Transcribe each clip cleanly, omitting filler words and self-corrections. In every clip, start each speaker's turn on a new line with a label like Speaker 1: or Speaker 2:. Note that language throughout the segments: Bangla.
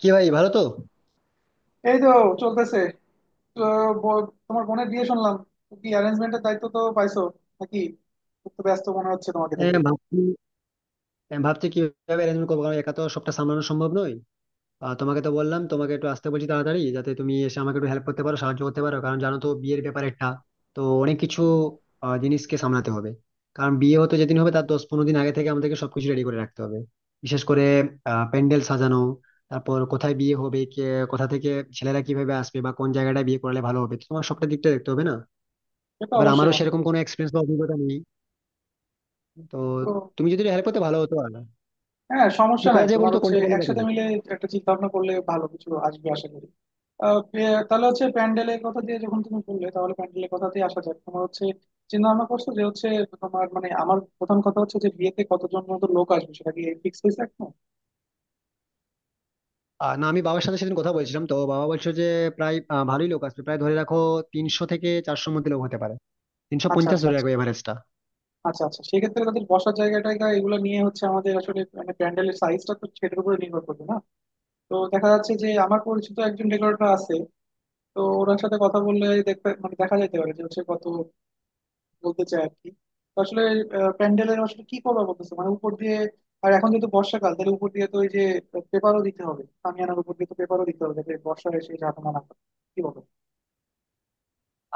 Speaker 1: কি ভাই ভালো তো।
Speaker 2: এই তো চলতেছে। তো তোমার বোনের বিয়ে শুনলাম, তো কি অ্যারেঞ্জমেন্টের দায়িত্ব তো পাইছো নাকি? খুব তো ব্যস্ত মনে হচ্ছে তোমাকে
Speaker 1: এ,
Speaker 2: দেখে।
Speaker 1: ভাবছি ভাবছি কিভাবে অ্যারেঞ্জমেন্ট করবো কারণ একা তো সবটা সামলানো সম্ভব নয়। আর তোমাকে তো বললাম, তোমাকে একটু আসতে বলছি তাড়াতাড়ি, যাতে তুমি এসে আমাকে একটু হেল্প করতে পারো, সাহায্য করতে পারো, কারণ জানো তো বিয়ের ব্যাপার একটা, তো অনেক কিছু জিনিসকে সামলাতে হবে। কারণ বিয়ে হতে যেদিন হবে, তার 10-15 দিন আগে থেকে আমাদেরকে সবকিছু রেডি করে রাখতে হবে। বিশেষ করে প্যান্ডেল সাজানো, তারপর কোথায় বিয়ে হবে, কে কোথা থেকে, ছেলেরা কিভাবে আসবে বা কোন জায়গাটা বিয়ে করলে ভালো হবে, তো তোমার সবটা দিকটা দেখতে হবে না।
Speaker 2: সে তো
Speaker 1: এবার
Speaker 2: অবশ্যই
Speaker 1: আমারও
Speaker 2: বন্ধু।
Speaker 1: সেরকম কোনো এক্সপিরিয়েন্স বা অভিজ্ঞতা নেই। তো
Speaker 2: তো
Speaker 1: তুমি যদি হেল্প করতে ভালো হতো। আর
Speaker 2: হ্যাঁ,
Speaker 1: কি
Speaker 2: সমস্যা নাই,
Speaker 1: করা যায় বলো
Speaker 2: তোমার
Speaker 1: তো,
Speaker 2: হচ্ছে
Speaker 1: কোনটা করলে better
Speaker 2: একসাথে
Speaker 1: হবে?
Speaker 2: মিলে একটা চিন্তা ভাবনা করলে ভালো কিছু আসবে আশা করি। তাহলে হচ্ছে প্যান্ডেলের কথা দিয়ে, যখন তুমি বললে তাহলে প্যান্ডেলের কথা দিয়ে আসা যাক। তোমার হচ্ছে চিন্তা ভাবনা করছো যে হচ্ছে তোমার, মানে আমার প্রথম কথা হচ্ছে যে বিয়েতে কতজন মতো লোক আসবে সেটা কি ফিক্স হয়েছে এখন?
Speaker 1: না আমি বাবার সাথে সেদিন কথা বলছিলাম, তো বাবা বলছিল যে প্রায় ভালোই লোক আসবে, প্রায় ধরে রাখো 300 থেকে 400-র মধ্যে লোক হতে পারে। তিনশো
Speaker 2: আচ্ছা
Speaker 1: পঞ্চাশ
Speaker 2: আচ্ছা
Speaker 1: ধরে
Speaker 2: আচ্ছা।
Speaker 1: রাখো এভারেজটা।
Speaker 2: আচ্ছা আচ্ছা, সেক্ষেত্রে তাদের বসার জায়গা টায়গা এগুলো নিয়ে হচ্ছে আমাদের, আসলে মানে প্যান্ডেলের সাইজটা তো সেটার উপরে নির্ভর করবে না? তো দেখা যাচ্ছে যে আমার পরিচিত একজন ডেকোরেটর আছে, তো ওনার সাথে কথা বললে দেখতে মানে দেখা যেতে পারে যে হচ্ছে কত বলতে চায় আর কি। তো আসলে প্যান্ডেলের আসলে কি করবা বলতেছে মানে উপর দিয়ে, আর এখন যেহেতু বর্ষাকাল, তাহলে উপর দিয়ে তো ওই যে পেপারও দিতে হবে, আনার উপর দিয়ে তো পেপারও দিতে হবে যাতে বর্ষা এসে ঝাঁকুনা না করে। কি বলো?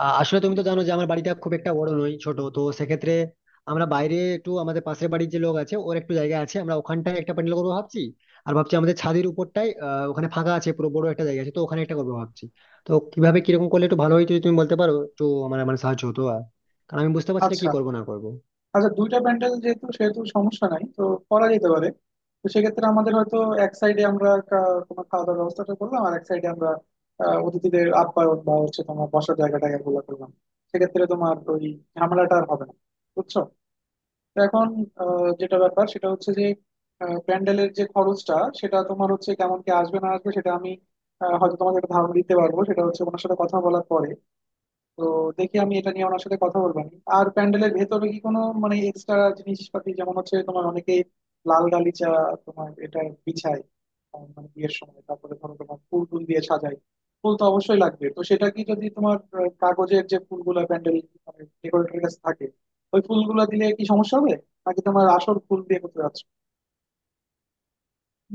Speaker 1: আসলে তুমি তো জানো যে আমার বাড়িটা খুব একটা বড় নয়, ছোট, তো সেক্ষেত্রে আমরা বাইরে একটু, আমাদের পাশের বাড়ির যে লোক আছে ওর একটু জায়গা আছে, আমরা ওখানটায় একটা প্যান্ডেল করবো ভাবছি। আর ভাবছি আমাদের ছাদের উপরটাই ওখানে ফাঁকা আছে, পুরো বড় একটা জায়গা আছে, তো ওখানে একটা করবো ভাবছি। তো কিভাবে কিরকম করলে একটু ভালো হয় যদি তুমি বলতে পারো, একটু আমার মানে সাহায্য হতো আর, কারণ আমি বুঝতে পারছি না কি
Speaker 2: আচ্ছা
Speaker 1: করবো না করবো।
Speaker 2: আচ্ছা, দুইটা প্যান্ডেল যেহেতু সেহেতু সমস্যা নাই তো, করা যেতে পারে। তো সেক্ষেত্রে আমাদের হয়তো এক সাইডে আমরা তোমার খাওয়া দাওয়ার ব্যবস্থাটা করলাম, আর এক সাইডে আমরা অতিথিদের আপ্যায়ন বা হচ্ছে তোমার বসার জায়গা টায়গা গুলো করলাম। সেক্ষেত্রে তোমার ওই ঝামেলাটা আর হবে না, বুঝছো? তো এখন যেটা ব্যাপার সেটা হচ্ছে যে প্যান্ডেলের যে খরচটা, সেটা তোমার হচ্ছে কেমন কি আসবে না আসবে সেটা আমি হয়তো তোমাকে একটা ধারণা দিতে পারবো, সেটা হচ্ছে ওনার সাথে কথা বলার পরে। তো দেখি আমি এটা নিয়ে ওনার সাথে কথা বলবো আমি। আর প্যান্ডেলের ভেতরে কি কোনো মানে এক্সট্রা জিনিসপাতি, যেমন হচ্ছে তোমার অনেকেই লাল গালিচা তোমার এটা বিছায়, মানে বিয়ের সময় তারপরে ধরো তোমার ফুল টুল দিয়ে সাজায়। ফুল তো অবশ্যই লাগবে, তো সেটা কি যদি তোমার কাগজের যে ফুলগুলা প্যান্ডেল মানে ডেকোরেটরের কাছে থাকে, ওই ফুলগুলা দিলে কি সমস্যা হবে, নাকি তোমার আসল ফুল দিয়ে করতে যাচ্ছ?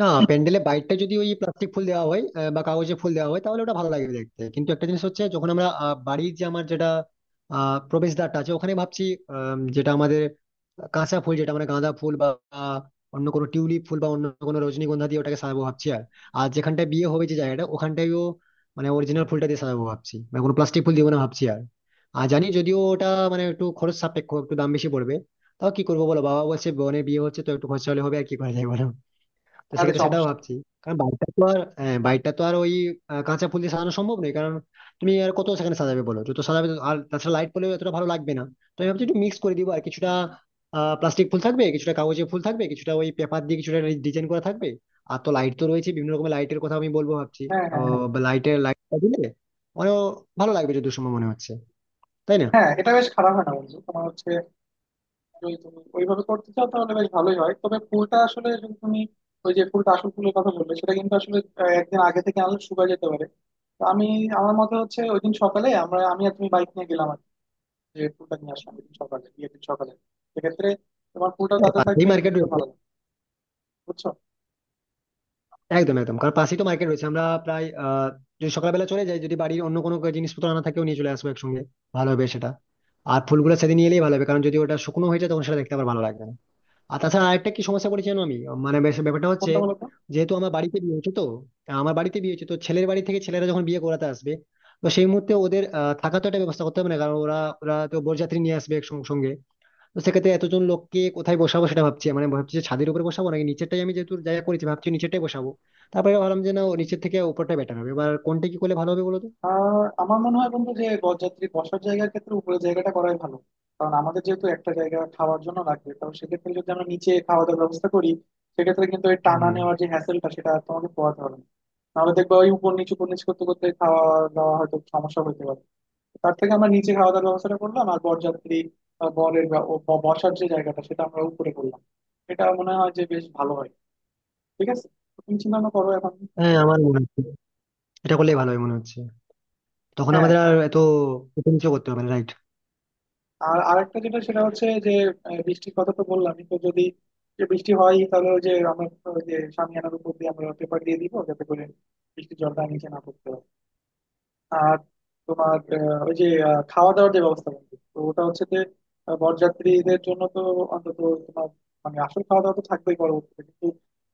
Speaker 1: না, প্যান্ডেলে বাইরটা যদি ওই প্লাস্টিক ফুল দেওয়া হয় বা কাগজে ফুল দেওয়া হয় তাহলে ওটা ভালো লাগবে দেখতে, কিন্তু একটা জিনিস হচ্ছে, যখন আমরা বাড়ির যে আমার যেটা প্রবেশদ্বারটা আছে ওখানে ভাবছি যেটা আমাদের, কাঁচা ফুল, যেটা মানে গাঁদা ফুল বা আহ, অন্য কোনো টিউলিপ ফুল বা অন্য কোনো রজনীগন্ধা দিয়ে ওটাকে সাজাবো ভাবছি। আর আর যেখানটায় বিয়ে হবে যে জায়গাটা ওখানটায়ও মানে অরিজিনাল ফুলটা দিয়ে সাজাবো ভাবছি, মানে কোনো প্লাস্টিক ফুল দিব না ভাবছি। আর আর জানি যদিও ওটা মানে একটু খরচ সাপেক্ষ, একটু দাম বেশি পড়বে, তাও কি করবো বলো, বাবা বলছে বোনের বিয়ে হচ্ছে তো একটু খরচা হলে হবে আর কি করা যায় বলো। তো
Speaker 2: আরে
Speaker 1: সেক্ষেত্রে সেটাও
Speaker 2: সমস্যা নেই।
Speaker 1: ভাবছি, কারণ বাড়িটা তো আর, হ্যাঁ, বাড়িটা তো আর ওই কাঁচা ফুল দিয়ে সাজানো সম্ভব নয়, কারণ তুমি আর কত সেখানে সাজাবে বলো, যত সাজাবে তত- আর তাছাড়া লাইট পড়লেও এতটা ভালো লাগবে না। তো আমি ভাবছি একটু মিক্স করে দিব, আর কিছুটা প্লাস্টিক ফুল থাকবে, কিছুটা কাগজের ফুল থাকবে, কিছুটা ওই পেপার দিয়ে কিছুটা ডিজাইন করা থাকবে। আর তো লাইট তো রয়েছে, বিভিন্ন রকমের লাইটের কথা আমি বলবো ভাবছি।
Speaker 2: হ্যাঁ হ্যাঁ হ্যাঁ।
Speaker 1: লাইটের লাইটটা দিলে অনেক ভালো লাগবে, যদি, সময় মনে হচ্ছে, তাই না?
Speaker 2: হ্যাঁ এটা বেশ খারাপ হয় না বন্ধু। তোমার হচ্ছে যদি তুমি ওইভাবে করতে চাও তাহলে বেশ ভালোই হয়, তবে ফুলটা আসলে যদি তুমি ওই যে ফুলটা আসল ফুলের কথা বললে, সেটা কিন্তু আসলে একদিন আগে থেকে আনলে শুকায় যেতে পারে। তো আমি, আমার মতে হচ্ছে ওই দিন সকালে আমরা, আমি আর তুমি বাইক নিয়ে গেলাম আর কি, যে ফুলটা নিয়ে আসলাম ওই দিন সকালে, বিয়ের দিন সকালে। সেক্ষেত্রে তোমার ফুলটা
Speaker 1: হ্যাঁ
Speaker 2: তাতে
Speaker 1: পাশেই
Speaker 2: থাকবে,
Speaker 1: মার্কেট
Speaker 2: দেখতে
Speaker 1: রয়েছে।
Speaker 2: ভালো লাগবে, বুঝছো?
Speaker 1: একদম একদম, কারণ পাশেই তো মার্কেট রয়েছে, আমরা প্রায় যদি সকালবেলা চলে যাই, যদি বাড়ির অন্য কোনো জিনিসপত্র আনা থাকেও নিয়ে চলে আসবো একসঙ্গে, ভালো হবে সেটা। আর ফুলগুলো সেদিন নিয়ে এলেই ভালো হবে, কারণ যদি ওটা শুকনো হয়ে যায় তখন সেটা দেখতে আবার ভালো লাগবে না। আর তাছাড়া আরেকটা কি সমস্যা করেছি জানো আমি, মানে বেশ ব্যাপারটা হচ্ছে,
Speaker 2: কোনটা বলো তো?
Speaker 1: যেহেতু আমার বাড়িতে বিয়ে হচ্ছে তো, আমার বাড়িতে বিয়ে হচ্ছে তো ছেলের বাড়ি থেকে ছেলেরা যখন বিয়ে করাতে আসবে, তো সেই মুহূর্তে ওদের থাকার তো একটা ব্যবস্থা করতে হবে না, কারণ ওরা ওরা তো বরযাত্রী নিয়ে আসবে একসঙ্গে। তো সেক্ষেত্রে এতজন লোককে কোথায় বসাবো সেটা ভাবছি, মানে ভাবছি যে ছাদের উপরে বসাবো নাকি নিচেরটাই, আমি যেহেতু জায়গা করেছি ভাবছি নিচেরটাই বসাবো। তারপরে ভাবলাম যে না, ও নিচের থেকে উপরটা বেটার হবে। এবার কোনটা কি করলে ভালো হবে বলো তো।
Speaker 2: আর আমার মনে হয় বন্ধু যে বরযাত্রী বসার জায়গার ক্ষেত্রে উপরের জায়গাটা করাই ভালো, কারণ আমাদের যেহেতু একটা জায়গা খাওয়ার জন্য লাগবে, কারণ সেক্ষেত্রে যদি আমরা নিচে খাওয়া দাওয়ার ব্যবস্থা করি, সেক্ষেত্রে কিন্তু ওই টানা
Speaker 1: হুম।
Speaker 2: নেওয়ার যে হ্যাসেলটা সেটা আর তোমাকে পোহাতে হবে না। নাহলে দেখবা ওই উপর নিচু উপর নিচু করতে করতে খাওয়া দাওয়া হয়তো সমস্যা হতে পারে। তার থেকে আমরা নিচে খাওয়া দাওয়ার ব্যবস্থাটা করলাম, আর বরযাত্রী বা বরের বসার যে জায়গাটা সেটা আমরা উপরে করলাম, এটা মনে হয় যে বেশ ভালো হয়। ঠিক আছে, তুমি চিন্তা ভাবনা করো এখন।
Speaker 1: হ্যাঁ আমার মনে হচ্ছে এটা করলেই ভালো হবে মনে হচ্ছে। তখন
Speaker 2: হ্যাঁ।
Speaker 1: আমাদের আর এত উঁচু নিচু করতে হবে না, right?
Speaker 2: আর আরেকটা যেটা সেটা হচ্ছে যে বৃষ্টির কথা তো বললামই, তো যদি যে বৃষ্টি হয় তাহলে ওই যে আমরা ওই যে শামিয়ানার উপর দিয়ে আমরা পেপার দিয়ে দিব যাতে করে বৃষ্টির জলটা নিচে না পড়তে হয়। আর তোমার ওই যে খাওয়া দাওয়ার যে ব্যবস্থা বলতে তো ওটা হচ্ছে যে বরযাত্রীদের জন্য তো অন্তত তোমার, মানে আসল খাওয়া দাওয়া তো থাকবেই পরবর্তীতে, কিন্তু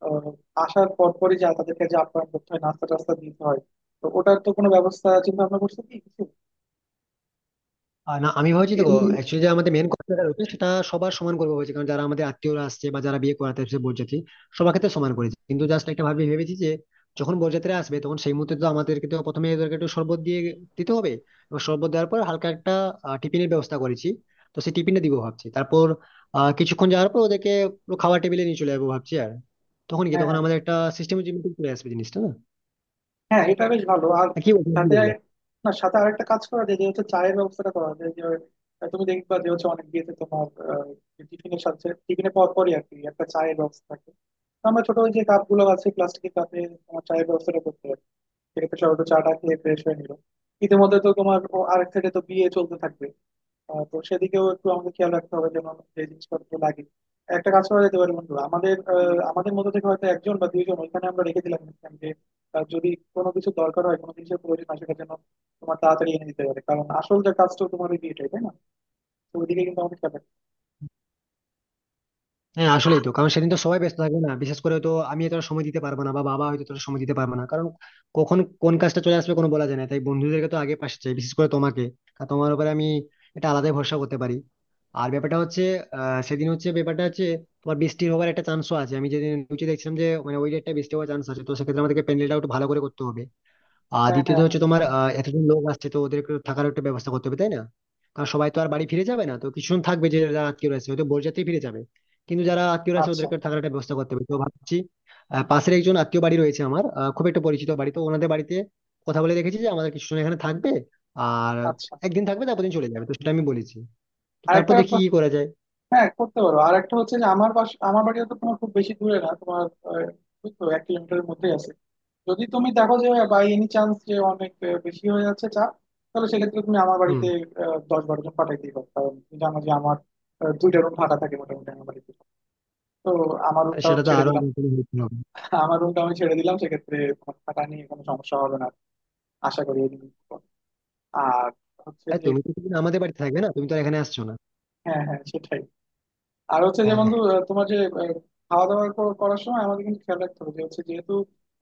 Speaker 2: আহ, আসার পর পরই যা তাদেরকে যে আপ্যায়ন করতে হয়, নাস্তা টাস্তা দিতে হয়, তো ওটার তো কোনো ব্যবস্থা চিন্তা ভাবনা করছে কি কিছু?
Speaker 1: না আমি ভাবছি দেখো, অ্যাকচুয়ালি যে আমাদের মেন কথাটা রয়েছে সেটা সবার সমান করবো বলছি, কারণ যারা আমাদের আত্মীয়রা আসছে বা যারা বিয়ে করাতে আসছে বরযাত্রী, সবার ক্ষেত্রে সমান করেছে, কিন্তু জাস্ট একটা ভেবেছি যে যখন বরযাত্রীরা আসবে, তখন সেই মুহূর্তে তো আমাদেরকে তো প্রথমে ওদেরকে একটু শরবত দিয়ে দিতে হবে, এবং শরবত দেওয়ার পর হালকা একটা টিফিনের ব্যবস্থা করেছি, তো সেই টিফিনটা দিব ভাবছি। তারপর কিছুক্ষণ যাওয়ার পর ওদেরকে পুরো খাওয়ার টেবিলে নিয়ে চলে যাবো ভাবছি। আর তখন কি,
Speaker 2: হ্যাঁ
Speaker 1: তখন
Speaker 2: হ্যাঁ।
Speaker 1: আমাদের একটা সিস্টেমের চলে আসবে জিনিসটা না,
Speaker 2: হ্যাঁ এটা বেশ ভালো। আর
Speaker 1: কি
Speaker 2: সাথে,
Speaker 1: বলবো।
Speaker 2: না সাথে আরেকটা কাজ করা যায় যে হচ্ছে চায়ের ব্যবস্থাটা করা যায়, যে তুমি দেখবা যে হচ্ছে অনেক বিয়েতে তোমার টিফিনের সাথে, টিফিনের পর পরই আর কি একটা চায়ের ব্যবস্থা থাকে। তো আমরা ছোট ওই যে কাপ গুলো আছে প্লাস্টিকের কাপে তোমার চায়ের ব্যবস্থাটা করতে পারি। সেক্ষেত্রে সবাই একটু চাটা খেয়ে ফ্রেশ হয়ে নিল। ইতিমধ্যে তো তোমার ও আরেক সাইডে তো বিয়ে চলতে থাকবে। তো সেদিকেও একটু আমাদের খেয়াল রাখতে হবে যেন যে জিনিসপত্র লাগে। একটা কাজ করা যেতে পারে বন্ধু, আমাদের আমাদের মধ্যে থেকে হয়তো একজন বা দুইজন ওইখানে আমরা রেখে দিলাম ইনস্ট্যান্ট, যে যদি কোনো কিছু দরকার হয়, কোনো জিনিসের প্রয়োজন হয় সেটা যেন তোমার তাড়াতাড়ি এনে দিতে পারে, কারণ আসল যে কাজটা তোমার ওই বিয়েটাই, তাই না? তো ওইদিকে কিন্তু আমাদের খেয়াল রাখতে হবে।
Speaker 1: হ্যাঁ আসলেই তো, কারণ সেদিন তো সবাই ব্যস্ত থাকবে না, বিশেষ করে তো আমি এতটা সময় দিতে পারবো না, বা বাবা হয়তো তোর সময় দিতে পারবে না, কারণ কখন কোন কাজটা চলে আসবে কোনো বলা যায় না, তাই বন্ধুদেরকে তো আগে পাশে চাই, বিশেষ করে তোমাকে। কারণ তোমার উপরে আমি এটা আলাদাই ভরসা করতে পারি। আর ব্যাপারটা হচ্ছে, সেদিন হচ্ছে, ব্যাপারটা হচ্ছে তোমার বৃষ্টি হওয়ার একটা চান্সও আছে, আমি যেদিন নিচে দেখছিলাম যে মানে ওই ডেটটা বৃষ্টি হওয়ার চান্স আছে, তো সেক্ষেত্রে আমাদেরকে প্যান্ডেলটা একটু ভালো করে করতে হবে। আর
Speaker 2: হ্যাঁ
Speaker 1: দ্বিতীয়ত
Speaker 2: হ্যাঁ হ্যাঁ।
Speaker 1: হচ্ছে তোমার এতজন লোক আসছে, তো ওদের একটু থাকার একটা ব্যবস্থা করতে হবে, তাই না? কারণ সবাই তো আর বাড়ি ফিরে যাবে না, তো কিছুজন থাকবে, যে যারা আত্মীয় আছে, হয়তো বরযাত্রী ফিরে যাবে কিন্তু যারা আত্মীয় আছে
Speaker 2: আচ্ছা
Speaker 1: ওদেরকে থাকার একটা ব্যবস্থা করতে হবে, তো ভাবছি পাশের একজন আত্মীয় বাড়ি রয়েছে আমার, খুব একটা পরিচিত বাড়ি, তো ওনাদের বাড়িতে কথা বলে রেখেছি যে আমাদের কিছুজন এখানে থাকবে। আর
Speaker 2: আচ্ছা।
Speaker 1: একদিন থাকবে তারপর দিন চলে যাবে, তো সেটা আমি বলেছি, তো তারপর
Speaker 2: আরেকটা
Speaker 1: দেখি কি করা যায়।
Speaker 2: হ্যাঁ করতে পারো। আর একটা হচ্ছে যে আমার বাস, আমার বাড়িও তো তোমার খুব বেশি দূরে না তোমার, আহ, ওই তো এক কিলোমিটারের মধ্যেই আছে। যদি তুমি দেখো যে বাই এনি চান্স যে অনেক বেশি হয়ে যাচ্ছে চাপ, তাহলে সেক্ষেত্রে তুমি আমার
Speaker 1: হুম।
Speaker 2: বাড়িতে দশ বারো জন পাঠাই দিবা, কারণ তুমি জানো যে আমার দুইটা রুম ফাঁকা থাকে মোটামুটি আমার বাড়িতে। তো আমার রুমটা আমি
Speaker 1: সেটা তো
Speaker 2: ছেড়ে
Speaker 1: আরো
Speaker 2: দিলাম।
Speaker 1: আমার জন্য helpful হবে।
Speaker 2: আমার রুমটা আমি ছেড়ে দিলাম, সেক্ষেত্রে তোমার থাকা নিয়ে কোনো সমস্যা হবে না আশা করি এই জিনিসটা। আর হচ্ছে
Speaker 1: আর
Speaker 2: যে,
Speaker 1: তুমি তো সেদিন আমাদের বাড়িতে থাকবে না, তুমি তো আর এখানে আসছো না।
Speaker 2: হ্যাঁ হ্যাঁ সেটাই। আর হচ্ছে যে
Speaker 1: হ্যাঁ।
Speaker 2: বন্ধু তোমার যে আহ, খাওয়া দাওয়া করার সময় আমাদের কিন্তু খেয়াল রাখতে হবে যে হচ্ছে যেহেতু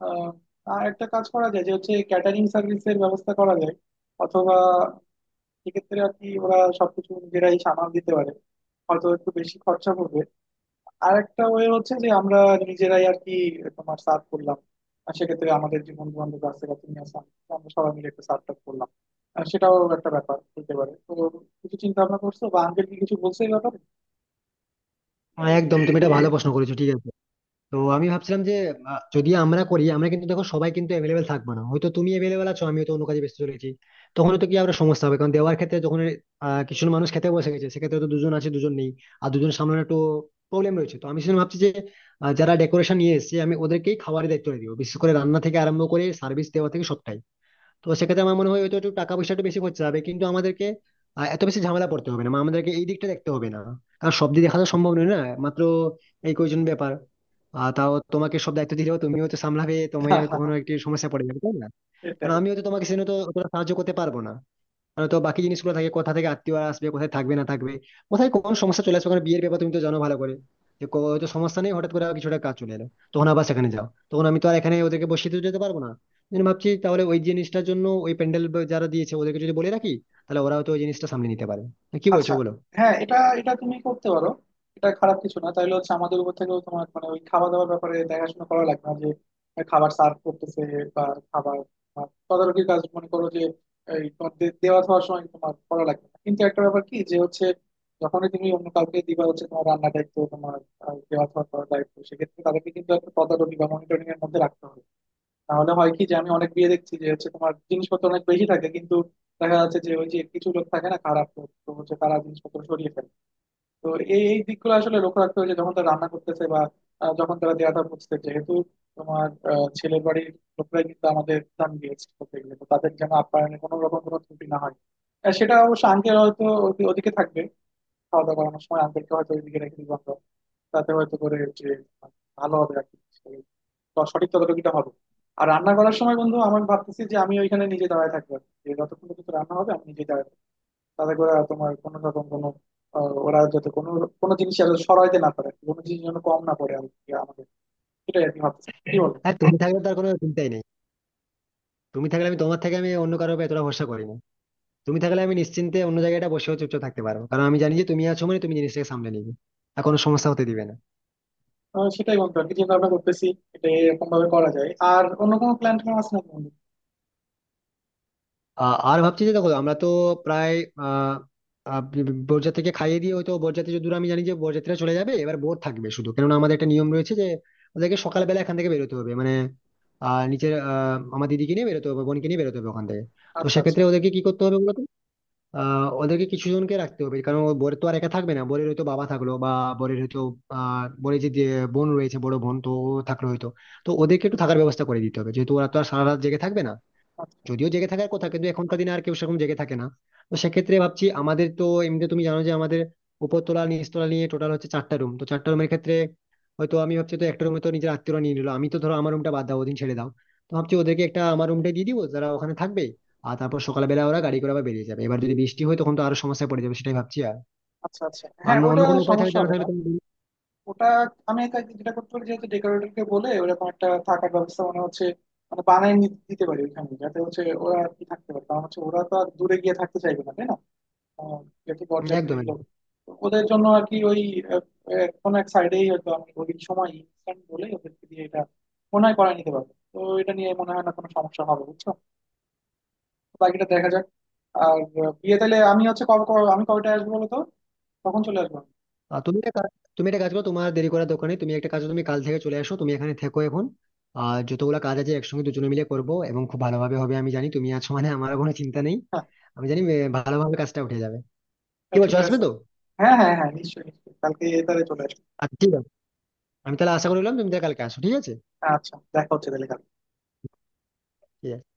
Speaker 2: আহ, আর একটা কাজ করা যায় যে হচ্ছে ক্যাটারিং সার্ভিসের ব্যবস্থা করা যায়, অথবা সেক্ষেত্রে আর কি ওরা সবকিছু নিজেরাই সামাল দিতে পারে, হয়তো একটু বেশি খরচা পড়বে। আর একটা ওয়ে হচ্ছে যে আমরা নিজেরাই আর কি তোমার সার্ভ করলাম, আর সেক্ষেত্রে আমাদের যে বন্ধু বান্ধব আছে বা তুমি আছো, আমরা সবাই মিলে একটা সার্ভ টার্ভ করলাম, আর সেটাও একটা ব্যাপার হতে পারে। তো কিছু চিন্তা ভাবনা করছো বা আঙ্কেল কি কিছু বলছে এই ব্যাপারে?
Speaker 1: হ্যাঁ, একদম তুমি এটা ভালো প্রশ্ন করেছো, ঠিক আছে। তো আমি ভাবছিলাম যে যদি আমরা করি, আমরা কিন্তু দেখো সবাই কিন্তু অ্যাভেলেবেল থাকবে না, হয়তো তুমি অ্যাভেলেবেল আছো আমি হয়তো অন্য কাজে ব্যস্ত চলেছি। তখন তো কি আবার সমস্যা হবে, কারণ দেওয়ার ক্ষেত্রে, যখন কিছু মানুষ খেতে বসে গেছে সেক্ষেত্রে তো দুজন আছে দুজন নেই, আর দুজন সামলানো একটু প্রবলেম রয়েছে। তো আমি সেজন্য ভাবছি যে যারা ডেকোরেশন নিয়ে এসেছে আমি ওদেরকেই খাবারের দায়িত্বটা দিব, বিশেষ করে রান্না থেকে আরম্ভ করে সার্ভিস দেওয়া থেকে সবটাই। তো সেক্ষেত্রে আমার মনে হয় হয়তো একটু টাকা পয়সা একটু বেশি খরচা হবে, কিন্তু আমাদেরকে এত বেশি ঝামেলা পড়তে হবে না, মানে আমাদেরকে এই দিকটা দেখতে হবে না, কারণ সব দিক দেখা তো সম্ভব নয় না, মাত্র এই কয়জন ব্যাপার। আর তাও তোমাকে সব দায়িত্ব দিলেও তুমিও তো সামলাবে, তুমিও তখন একটি সমস্যা পড়ে যাবে, তাই না? কারণ
Speaker 2: এটাই।
Speaker 1: আমিও তো তোমাকে সেজন্য তো অতটা সাহায্য করতে পারবো না, মানে তো বাকি জিনিসগুলো থাকে, কোথা থেকে আত্মীয়রা আসবে কোথায় থাকবে না থাকবে, কোথায় কোন সমস্যা চলে আসবে, কারণ বিয়ের ব্যাপার তুমি তো জানো ভালো করে, যে হয়তো সমস্যা নেই, হঠাৎ করে আবার কিছুটা কাজ চলে এলো, তখন আবার সেখানে যাও, তখন আমি তো আর এখানে ওদেরকে বসিয়ে তো যেতে পারবো না। আমি ভাবছি তাহলে ওই জিনিসটার জন্য, ওই প্যান্ডেল যারা দিয়েছে ওদেরকে যদি বলে রাখি, তাহলে ওরা হয়তো ওই জিনিসটা সামলে নিতে পারে। তো কি
Speaker 2: আচ্ছা।
Speaker 1: বলছো বলো।
Speaker 2: হ্যাঁ এটা এটা তুমি করতে পারো, এটা খারাপ কিছু না। তাইলে হচ্ছে আমাদের উপর থেকেও তোমার মানে ওই খাওয়া দাওয়ার ব্যাপারে দেখাশোনা করা লাগবে না, যে খাবার সার্ভ করতেছে বা খাবার তোমার তদারকির কাজ, মনে করো যে এই তোমার দেওয়া খাওয়ার সময় তোমার করা লাগবে না। কিন্তু একটা ব্যাপার কি যে হচ্ছে, যখনই তুমি অন্য কাউকে দিবা হচ্ছে তোমার রান্নার দায়িত্ব, তোমার দেওয়া খাওয়া করার দায়িত্ব, সেক্ষেত্রে তাদেরকে কিন্তু একটা তদারকি বা মনিটরিং এর মধ্যে রাখতে হবে। তাহলে হয় কি যে, আমি অনেক বিয়ে দেখছি যে হচ্ছে তোমার জিনিসপত্র অনেক বেশি থাকে, কিন্তু দেখা যাচ্ছে যে ওই যে কিছু লোক থাকে না খারাপ লোক, তো হচ্ছে তারা জিনিসপত্র সরিয়ে ফেলে। তো এই এই দিকগুলো আসলে লক্ষ্য রাখতে হবে যে যখন তারা রান্না করতেছে বা যখন তারা দেয়া দেওয়াটা বুঝতে, যেহেতু তোমার ছেলের বাড়ির লোকরাই কিন্তু আমাদের দাম দিয়েছে করতে গেলে, তো তাদের যেন আপ্যায়নে কোনো রকম কোনো ত্রুটি না হয়। সেটা অবশ্য আঙ্কেল হয়তো ওদিকে থাকবে, খাওয়া দাওয়া করানোর সময় আঙ্কেলকে হয়তো ওইদিকে রেখে দিব আমরা, তাতে হয়তো করে যে ভালো হবে আর কি, সঠিক ততটুকুটা হবে। আর রান্না করার সময় বন্ধু আমি ভাবতেছি যে আমি ওইখানে নিজে দাঁড়ায় থাকবো আর কি। যে যতক্ষণ পর্যন্ত রান্না হবে আমি নিজে দাঁড়ায় থাকবো। তাতে করে আর তোমার কোনো রকম কোনো ওরা যাতে কোনো কোনো জিনিস যেন সরাইতে না পারে, কোনো জিনিস যেন কম না পড়ে আর কি আমাদের, সেটাই আর কি ভাবতেছি, কি বলবো?
Speaker 1: হ্যাঁ তুমি থাকলে তার কোনো চিন্তাই নেই, তুমি থাকলে আমি, তোমার থেকে আমি অন্য কারোর উপর এতটা ভরসা করি না, তুমি থাকলে আমি নিশ্চিন্তে অন্য জায়গাটা বসেও চুপচাপ থাকতে পারবো, কারণ আমি জানি যে তুমি আছো মানে তুমি জিনিসটাকে সামলে নিবে, আর কোনো সমস্যা হতে দিবে না।
Speaker 2: সেটাই বন্ধু আর কি চিন্তা ভাবনা করতেছি। এটা এরকম ভাবে করা যায়, আর অন্য কোনো প্ল্যান ট্যান আছে না বন্ধু?
Speaker 1: আ- আর ভাবছি যে দেখো আমরা তো প্রায় আহ আহ, বরযাত্রীকে খাইয়ে দিয়ে, হয়তো বরযাত্রী যতদূর আমি জানি যে বরযাত্রীরা চলে যাবে, এবার বোর থাকবে শুধু, কেননা আমাদের একটা নিয়ম রয়েছে যে ওদেরকে সকালবেলা এখান থেকে বেরোতে হবে, মানে নিচের আমার দিদিকে নিয়ে বেরোতে হবে, বোনকে নিয়ে বেরোতে হবে ওখান থেকে। তো
Speaker 2: আচ্ছা আচ্ছা।
Speaker 1: সেক্ষেত্রে ওদেরকে কি করতে হবে বলতো। ওদেরকে কিছু জনকে রাখতে হবে, কারণ ও, বোর তো আর একা থাকবে না, বোরের হয়তো বাবা থাকলো, বা বোরের হয়তো বোরের বোন রয়েছে, বড় বোন তো ও থাকলো হয়তো। তো ওদেরকে একটু থাকার ব্যবস্থা করে দিতে হবে, যেহেতু ওরা তো আর সারা রাত জেগে থাকবে না।
Speaker 2: আচ্ছা
Speaker 1: যদিও জেগে থাকার কথা, কিন্তু এখনকার দিনে আর কেউ সেরকম জেগে থাকে না। তো সেক্ষেত্রে ভাবছি, আমাদের তো এমনিতে তুমি জানো যে আমাদের উপরতলা নিচতলা নিয়ে টোটাল হচ্ছে চারটা রুম, তো চারটা রুমের ক্ষেত্রে হয়তো আমি ভাবছি, তো একটা রুমে তো নিজের আত্মীয়রা নিয়ে নিলো, আমি তো, ধরো আমার রুমটা বাদ দাও ওদিন, ছেড়ে দাও, তো ভাবছি ওদেরকে একটা, আমার রুমটা দিয়ে দিবো যারা ওখানে থাকবে। আর তারপর সকালবেলা ওরা গাড়ি করে আবার বেরিয়ে যাবে, এবার যদি বৃষ্টি হয় তখন তো আরো সমস্যায় পড়ে যাবে, সেটাই ভাবছি। আর
Speaker 2: আচ্ছা আচ্ছা।
Speaker 1: আর
Speaker 2: হ্যাঁ
Speaker 1: অন্য
Speaker 2: ওটা
Speaker 1: কোনো উপায় থাকে
Speaker 2: সমস্যা
Speaker 1: জানা
Speaker 2: হবে না,
Speaker 1: থাকলে তুমি,
Speaker 2: ওটা আমি তাকে যেটা করতে পারি, যেহেতু ডেকোরেটর কে বলে ওরকম একটা থাকার ব্যবস্থা মানে হচ্ছে মানে দিতে পারি ওইখানে, যাতে হচ্ছে ওরা আর কি থাকতে পারে, কারণ হচ্ছে ওরা তো আর দূরে গিয়ে থাকতে চাইবে না তাই না, আহ, যেহেতু
Speaker 1: একদম
Speaker 2: বরযাত্রীর
Speaker 1: একদম।
Speaker 2: লোক। তো ওদের জন্য আর কি ওই আহ, আহ, কোনো এক সাইডেই হয়তো আমি ওই সময় ইনস্ট্যান্ট বলে ওদেরকে দিয়ে এটা মনে হয় করায় নিতে পারবো। তো এটা নিয়ে মনে হয় না কোনো সমস্যা হবে, বুঝছো? বাকিটা দেখা যাক। আর বিয়ে তাহলে আমি হচ্ছে কবে কবে- আমি কবেটা আসবো বলো তো? তখন চলে আসবো আমি।
Speaker 1: আহ, তুমি একটা কাজ- তুমি একটা কাজ করো, তোমার দেরি করার দোকানে, তুমি একটা কাজ করো, তুমি কাল থেকে চলে আসো, তুমি এখানে থেকো এখন আর যতগুলো কাজ আছে একসঙ্গে দুজনে মিলে করবো এবং খুব ভালোভাবে হবে, আমি জানি তুমি আছো মানে আমার কোনো চিন্তা নেই, আমি জানি ভালোভাবে কাজটা উঠে যাবে। কি
Speaker 2: হ্যাঁ
Speaker 1: বলছো,
Speaker 2: ঠিক
Speaker 1: আসবে
Speaker 2: আছে।
Speaker 1: তো?
Speaker 2: হ্যাঁ হ্যাঁ হ্যাঁ নিশ্চয়ই নিশ্চয়ই, কালকে তাহলে চলে আসবো।
Speaker 1: আচ্ছা ঠিক আছে, আমি তাহলে আশা করলাম, তুমি তাহলে কালকে আসো, ঠিক আছে।
Speaker 2: আচ্ছা দেখা হচ্ছে তাহলে।
Speaker 1: ঠিক আছে।